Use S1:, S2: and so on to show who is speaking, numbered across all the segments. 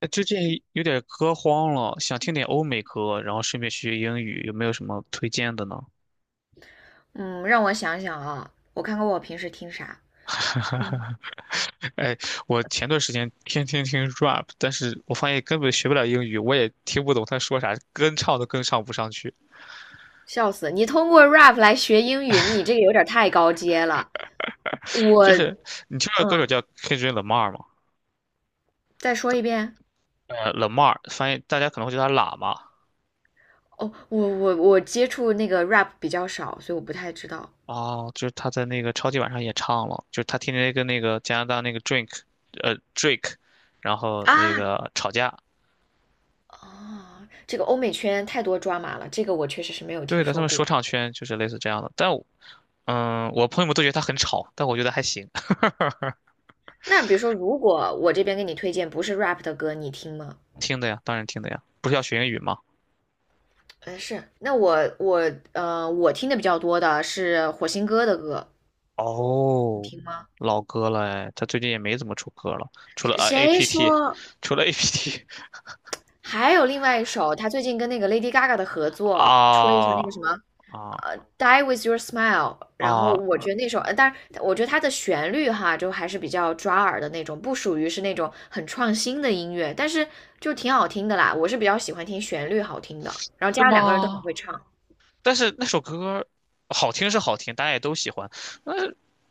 S1: 哎，最近有点歌荒了，想听点欧美歌，然后顺便学学英语，有没有什么推荐的呢？
S2: 嗯，让我想想啊，我看看我平时听啥，
S1: 哎，我前段时间天天听 rap，但是我发现根本学不了英语，我也听不懂他说啥，跟唱都跟唱不上去。
S2: 笑死！你通过 rap 来学英语，你这个有点太高阶了。我，
S1: 就是你听道歌手
S2: 嗯，
S1: 叫 Kendrick Lamar 吗？
S2: 再说一遍。
S1: Lamar，发现大家可能会叫他喇嘛。
S2: 哦，我接触那个 rap 比较少，所以我不太知道
S1: 哦，就是他在那个超级碗上也唱了，就是他天天跟那个加拿大那个 Drink，Drake，然后那
S2: 啊。
S1: 个吵架。
S2: 哦，这个欧美圈太多抓马了，这个我确实是没有听
S1: 对的，他
S2: 说
S1: 们说
S2: 过。
S1: 唱圈就是类似这样的，但我朋友们都觉得他很吵，但我觉得还行。
S2: 那比如说，如果我这边给你推荐不是 rap 的歌，你听吗？
S1: 听的呀，当然听的呀，不是要学英语吗？
S2: 嗯，是。那我我听的比较多的是火星哥的歌，你
S1: 哦，
S2: 听吗？
S1: 老歌了哎，他最近也没怎么出歌了，除了
S2: 谁
S1: APT，
S2: 说？
S1: 除了 APT。
S2: 还有另外一首，他最近跟那个 Lady Gaga 的合 作，出了一首
S1: 啊
S2: 那个什么，
S1: 啊
S2: Die with Your Smile。然后
S1: 啊，
S2: 我觉得那首，但是我觉得它的旋律哈，就还是比较抓耳的那种，不属于是那种很创新的音乐，但是就挺好听的啦。我是比较喜欢听旋律好听的，然后加
S1: 是
S2: 上两个人都很
S1: 吗？
S2: 会唱。
S1: 但是那首歌好听是好听，大家也都喜欢，那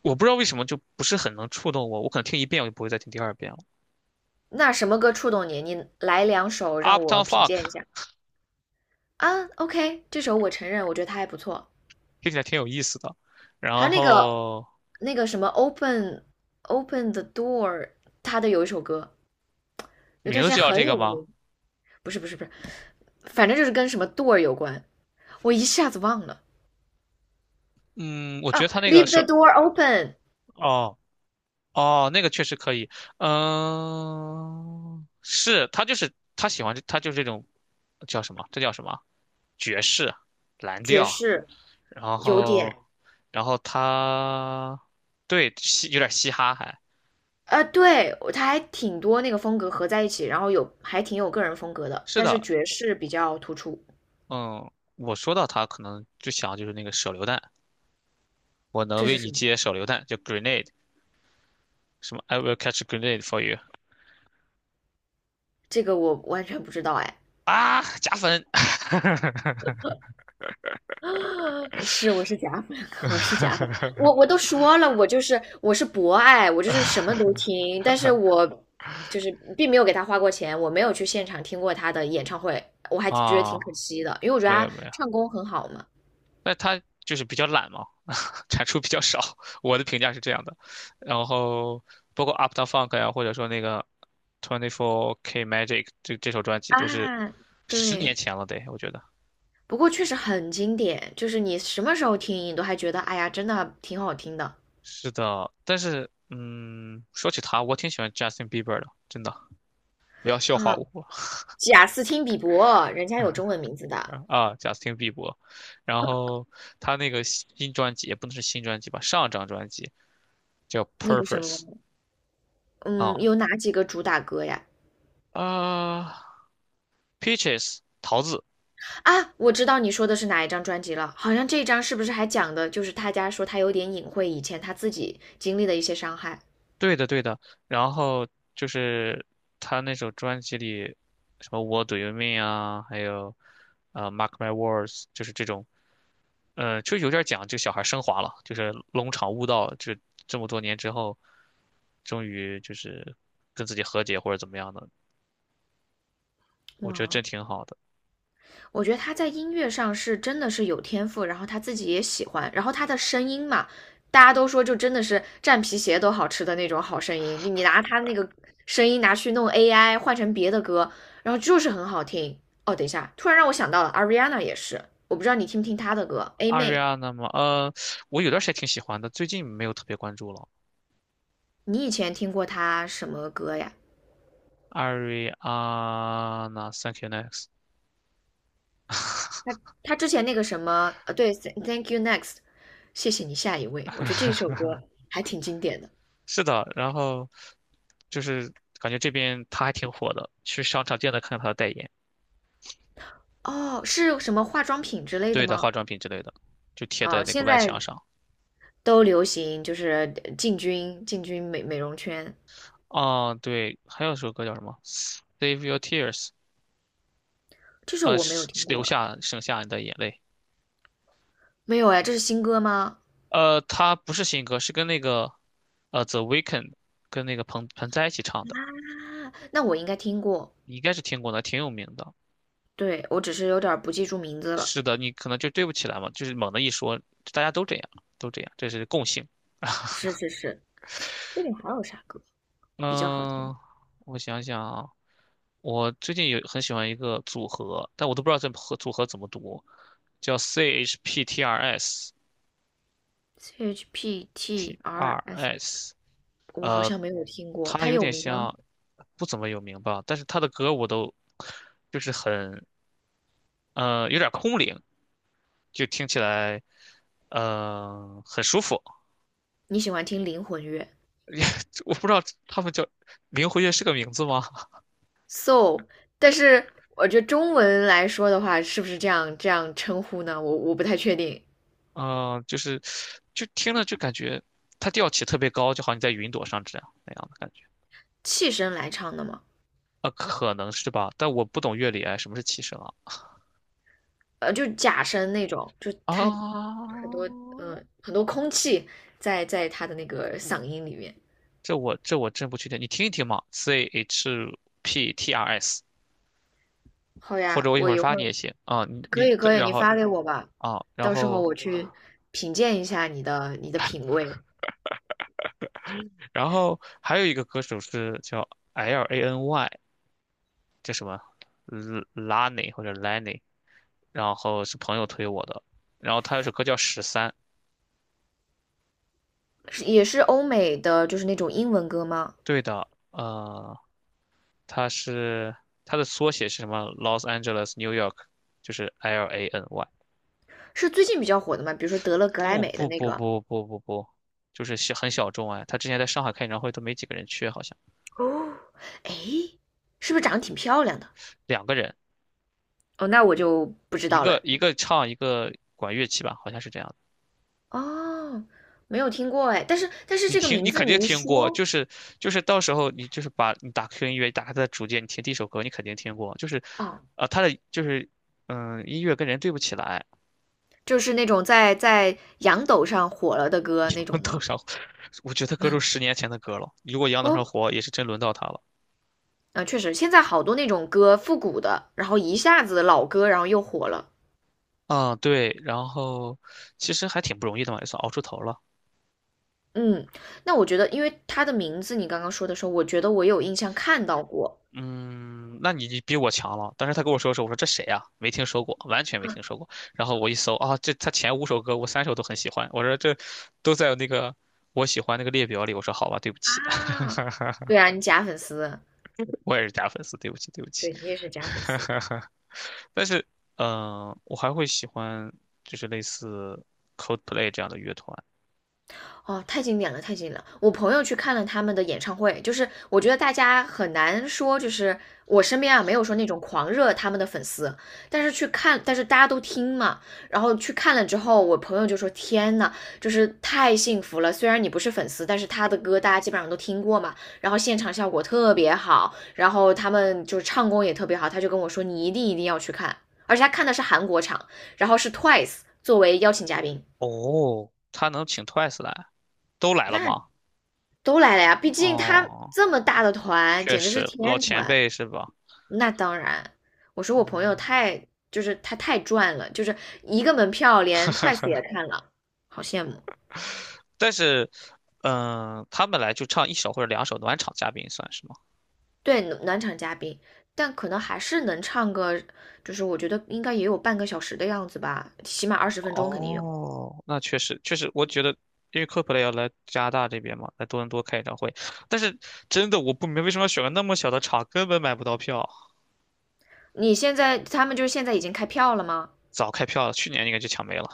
S1: 我不知道为什么就不是很能触动我，我可能听一遍我就不会再听第二遍了。
S2: 那什么歌触动你？你来两首让我
S1: Uptown
S2: 品
S1: Funk
S2: 鉴一下啊。OK，这首我承认，我觉得它还不错。
S1: 听起来挺有意思的，
S2: 还
S1: 然
S2: 有那个
S1: 后
S2: 那个什么 Open the Door，他的有一首歌，有
S1: 名
S2: 段时
S1: 字
S2: 间
S1: 就叫
S2: 很
S1: 这个
S2: 有
S1: 吗？
S2: 名，不是不是不是，反正就是跟什么 door 有关，我一下子忘了
S1: 嗯，我觉
S2: 啊。
S1: 得他那个
S2: Leave
S1: 首。
S2: the door open，
S1: 哦哦，那个确实可以。嗯，是他就是他喜欢这他就是这种叫什么？这叫什么？爵士、蓝
S2: 爵
S1: 调，
S2: 士
S1: 然
S2: 有
S1: 后
S2: 点
S1: 然后他对嘻有点嘻哈还，
S2: 啊，对，他还挺多那个风格合在一起，然后有还挺有个人风格的，
S1: 是
S2: 但是
S1: 的。
S2: 爵士比较突出。
S1: 嗯，我说到他可能就想就是那个手榴弹，我能
S2: 这
S1: 为
S2: 是什
S1: 你
S2: 么？
S1: 接手榴弹，叫 grenade，什么 I will catch a grenade for you，
S2: 这个我完全不知道哎。
S1: 啊，加分。
S2: 是，我是假粉，我是假粉，我都说了，我就是我是博爱，我就是什么都听，但是我就是并没有给他花过钱，我没有去现场听过他的演唱会，我还觉得
S1: 啊，
S2: 挺可惜的，因为我觉得
S1: 没有
S2: 他
S1: 没有，
S2: 唱功很好嘛。
S1: 那他就是比较懒嘛，产出比较少，我的评价是这样的。然后包括 u p t o w Funk 呀、或者说那个 Twenty Four K Magic 这首专辑都是
S2: 啊，
S1: 十年
S2: 对，
S1: 前了得，我觉得
S2: 不过确实很经典，就是你什么时候听，你都还觉得哎呀，真的挺好听的
S1: 是的。但是说起他，我挺喜欢 Justin Bieber 的，真的。不要笑话
S2: 啊。
S1: 我
S2: 贾斯汀比伯，人家有中文名字的，
S1: 啊，Justin Bieber。比伯然后他那个新专辑也不能是新专辑吧，上张专辑叫
S2: 那个
S1: 《Purpose》。
S2: 什么，嗯，
S1: 啊
S2: 有哪几个主打歌呀？
S1: 啊，Peaches 桃子，
S2: 啊，我知道你说的是哪一张专辑了，好像这张是不是还讲的就是他家说他有点隐晦以前他自己经历的一些伤害。
S1: 对的，对的。然后就是他那首专辑里，什么《What Do You Mean》啊，还有Mark My Words》，就是这种。就有点讲这个小孩升华了，就是龙场悟道，就这么多年之后，终于就是跟自己和解或者怎么样的，我觉得
S2: 哇，
S1: 这挺好的。
S2: 我觉得他在音乐上是真的是有天赋，然后他自己也喜欢，然后他的声音嘛，大家都说就真的是蘸皮鞋都好吃的那种好声音，你拿他那个声音拿去弄 AI 换成别的歌，然后就是很好听。哦，等一下，突然让我想到了 Ariana 也是，我不知道你听不听她的歌，A 妹，
S1: Ariana 嘛，我有段时间挺喜欢的，最近没有特别关注了。
S2: 你以前听过她什么歌呀？
S1: Ariana，Thank you next。
S2: 他他之前那个什么，对，Thank You Next，谢谢你下一位，我觉得这首歌还挺经典的。
S1: 是的，然后。就是感觉这边他还挺火的，去商场见的看看他的代言。
S2: 哦，是什么化妆品之类的
S1: 对的，化
S2: 吗？
S1: 妆品之类的，就贴在
S2: 哦，
S1: 那个
S2: 现
S1: 外
S2: 在
S1: 墙上。
S2: 都流行就是进军美容圈，
S1: 哦，对，还有一首歌叫什么？Save Your Tears。
S2: 这首我没有
S1: 是
S2: 听
S1: 留
S2: 过，
S1: 下省下你的眼泪。
S2: 没有哎，这是新歌吗？
S1: 它不是新歌，是跟那个The Weeknd 跟那个彭彭栽一起唱的，
S2: 啊，那我应该听过，
S1: 你应该是听过的，挺有名的。
S2: 对，我只是有点儿不记住名字了。
S1: 是的，你可能就对不起来嘛，就是猛的一说，大家都这样，都这样，这是共性。
S2: 是是是，最近还有啥歌比较好听
S1: 嗯、我想想啊，我最近有很喜欢一个组合，但我都不知道这合组合怎么读，叫 CHPTRS
S2: ？CHPTRS，
S1: TRS。
S2: 我好
S1: 呃，
S2: 像没有听过，
S1: 它
S2: 它
S1: 有
S2: 有
S1: 点
S2: 名吗？
S1: 像不怎么有名吧，但是它的歌我都就是很有点空灵，就听起来很舒服。
S2: 你喜欢听灵魂乐？
S1: 我不知道他们叫灵活乐是个名字吗？
S2: so，但是我觉得中文来说的话，是不是这样称呼呢？我不太确定，
S1: 嗯、就是就听了就感觉它调起特别高，就好像你在云朵上这样那样的感觉。
S2: 气声来唱的嘛，
S1: 啊，可能是吧，但我不懂乐理，哎，什么是七声啊？
S2: 就假声那种，就他很多
S1: 啊，
S2: 空气在他的那个嗓音里面。
S1: 这我这我真不确定，你听一听嘛，CHPTRS，
S2: 好
S1: 或者
S2: 呀，
S1: 我一
S2: 我
S1: 会儿
S2: 一
S1: 发
S2: 会儿
S1: 你也行啊，你
S2: 可
S1: 你
S2: 以可以，
S1: 然
S2: 你
S1: 后
S2: 发给我吧，
S1: 啊、然
S2: 到时候
S1: 后
S2: 我去品鉴一下你的品味。
S1: 然后还有一个歌手是叫 L A N Y，叫什么 Lany 或者 Lany，然后是朋友推我的，然后他有首歌叫《十三》。
S2: 是也是欧美的，就是那种英文歌吗？
S1: 对的，它是它的缩写是什么？Los Angeles New York，就是 L A N Y。
S2: 是最近比较火的吗？比如说得了格莱
S1: 不
S2: 美的
S1: 不
S2: 那
S1: 不
S2: 个
S1: 不不不不，就是小很小众哎。他之前在上海开演唱会都没几个人去，好像
S2: 哦，哎，是不是长得挺漂亮的？
S1: 两个人，
S2: 哦，那我就不知
S1: 一
S2: 道了。
S1: 个一个唱，一个管乐器吧，好像是这样的。
S2: 哦，没有听过哎，但是
S1: 你
S2: 这个
S1: 听，你
S2: 名字
S1: 肯定
S2: 你一
S1: 听过，
S2: 说，
S1: 就是到时候你就是把你打 q 音乐，打开他的主页，你听第一首歌，你肯定听过，就是
S2: 哦，
S1: 啊、他的就是音乐跟人对不起来。
S2: 就是那种在洋抖上火了的歌那 种
S1: 多
S2: 吗？
S1: 上，我觉得歌都十年前的歌了，如果杨德昌
S2: 哦，
S1: 活，也是真轮到他了。
S2: 啊，确实，现在好多那种歌复古的，然后一下子老歌，然后又火了。
S1: 嗯，对，然后其实还挺不容易的嘛，也算熬出头了。
S2: 嗯，那我觉得，因为他的名字你刚刚说的时候，我觉得我有印象看到过
S1: 嗯，那你比我强了。当时他跟我说的时候，我说这谁呀、没听说过，完全没听说过。然后我一搜啊，这他前五首歌我三首都很喜欢，我说这都在那个我喜欢那个列表里。我说好吧，对不起。
S2: 啊。对啊，你假粉丝，
S1: 我也是假粉丝，对不起，对不起。
S2: 对你也是假粉丝。
S1: 但是，我还会喜欢就是类似 Coldplay 这样的乐团。
S2: 哦，太经典了，太经典了！我朋友去看了他们的演唱会，就是我觉得大家很难说，就是我身边啊没有说那种狂热他们的粉丝，但是去看，但是大家都听嘛，然后去看了之后，我朋友就说：天呐，就是太幸福了！虽然你不是粉丝，但是他的歌大家基本上都听过嘛，然后现场效果特别好，然后他们就是唱功也特别好，他就跟我说你一定一定要去看，而且他看的是韩国场，然后是 Twice 作为邀请嘉宾，
S1: 哦，他能请 Twice 来，都来了
S2: 那
S1: 吗？
S2: 都来了呀，毕竟他
S1: 哦。
S2: 这么大的团，
S1: 确
S2: 简直是
S1: 实老
S2: 天
S1: 前
S2: 团。
S1: 辈是吧？
S2: 那当然，我说我朋友
S1: 嗯，
S2: 太，就是他太赚了，就是一个门票连 Twice 也看了，好羡慕。
S1: 但是，他们来就唱一首或者两首暖场嘉宾算是吗？
S2: 对，暖场嘉宾，但可能还是能唱个，就是我觉得应该也有半个小时的样子吧，起码20分钟肯定有。
S1: 哦，那确实确实，我觉得因为 c o l p l a y 要来加拿大这边嘛，来多伦多开演唱会，但是真的我不明白为什么要选个那么小的场，根本买不到票。
S2: 你现在他们就是现在已经开票了吗？
S1: 早开票了，去年应该就抢没了。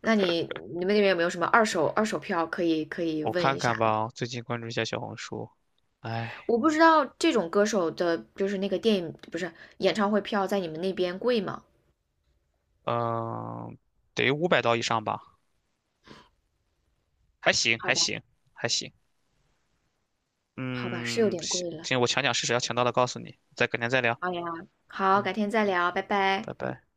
S2: 那你们那边有没有什么二手票可以
S1: 我
S2: 问
S1: 看
S2: 一
S1: 看
S2: 下的？
S1: 吧，最近关注一下小红书，哎，
S2: 我不知道这种歌手的，就是那个电影，不是，演唱会票在你们那边贵吗？
S1: 嗯、得500刀以上吧，还行
S2: 好
S1: 还
S2: 吧，
S1: 行还行。
S2: 好吧，是有
S1: 嗯，
S2: 点
S1: 行，
S2: 贵了。
S1: 行，我抢抢试试，要抢到了告诉你，再改天再聊。
S2: 好呀，好，
S1: 嗯，
S2: 改天再聊，拜拜。
S1: 拜拜。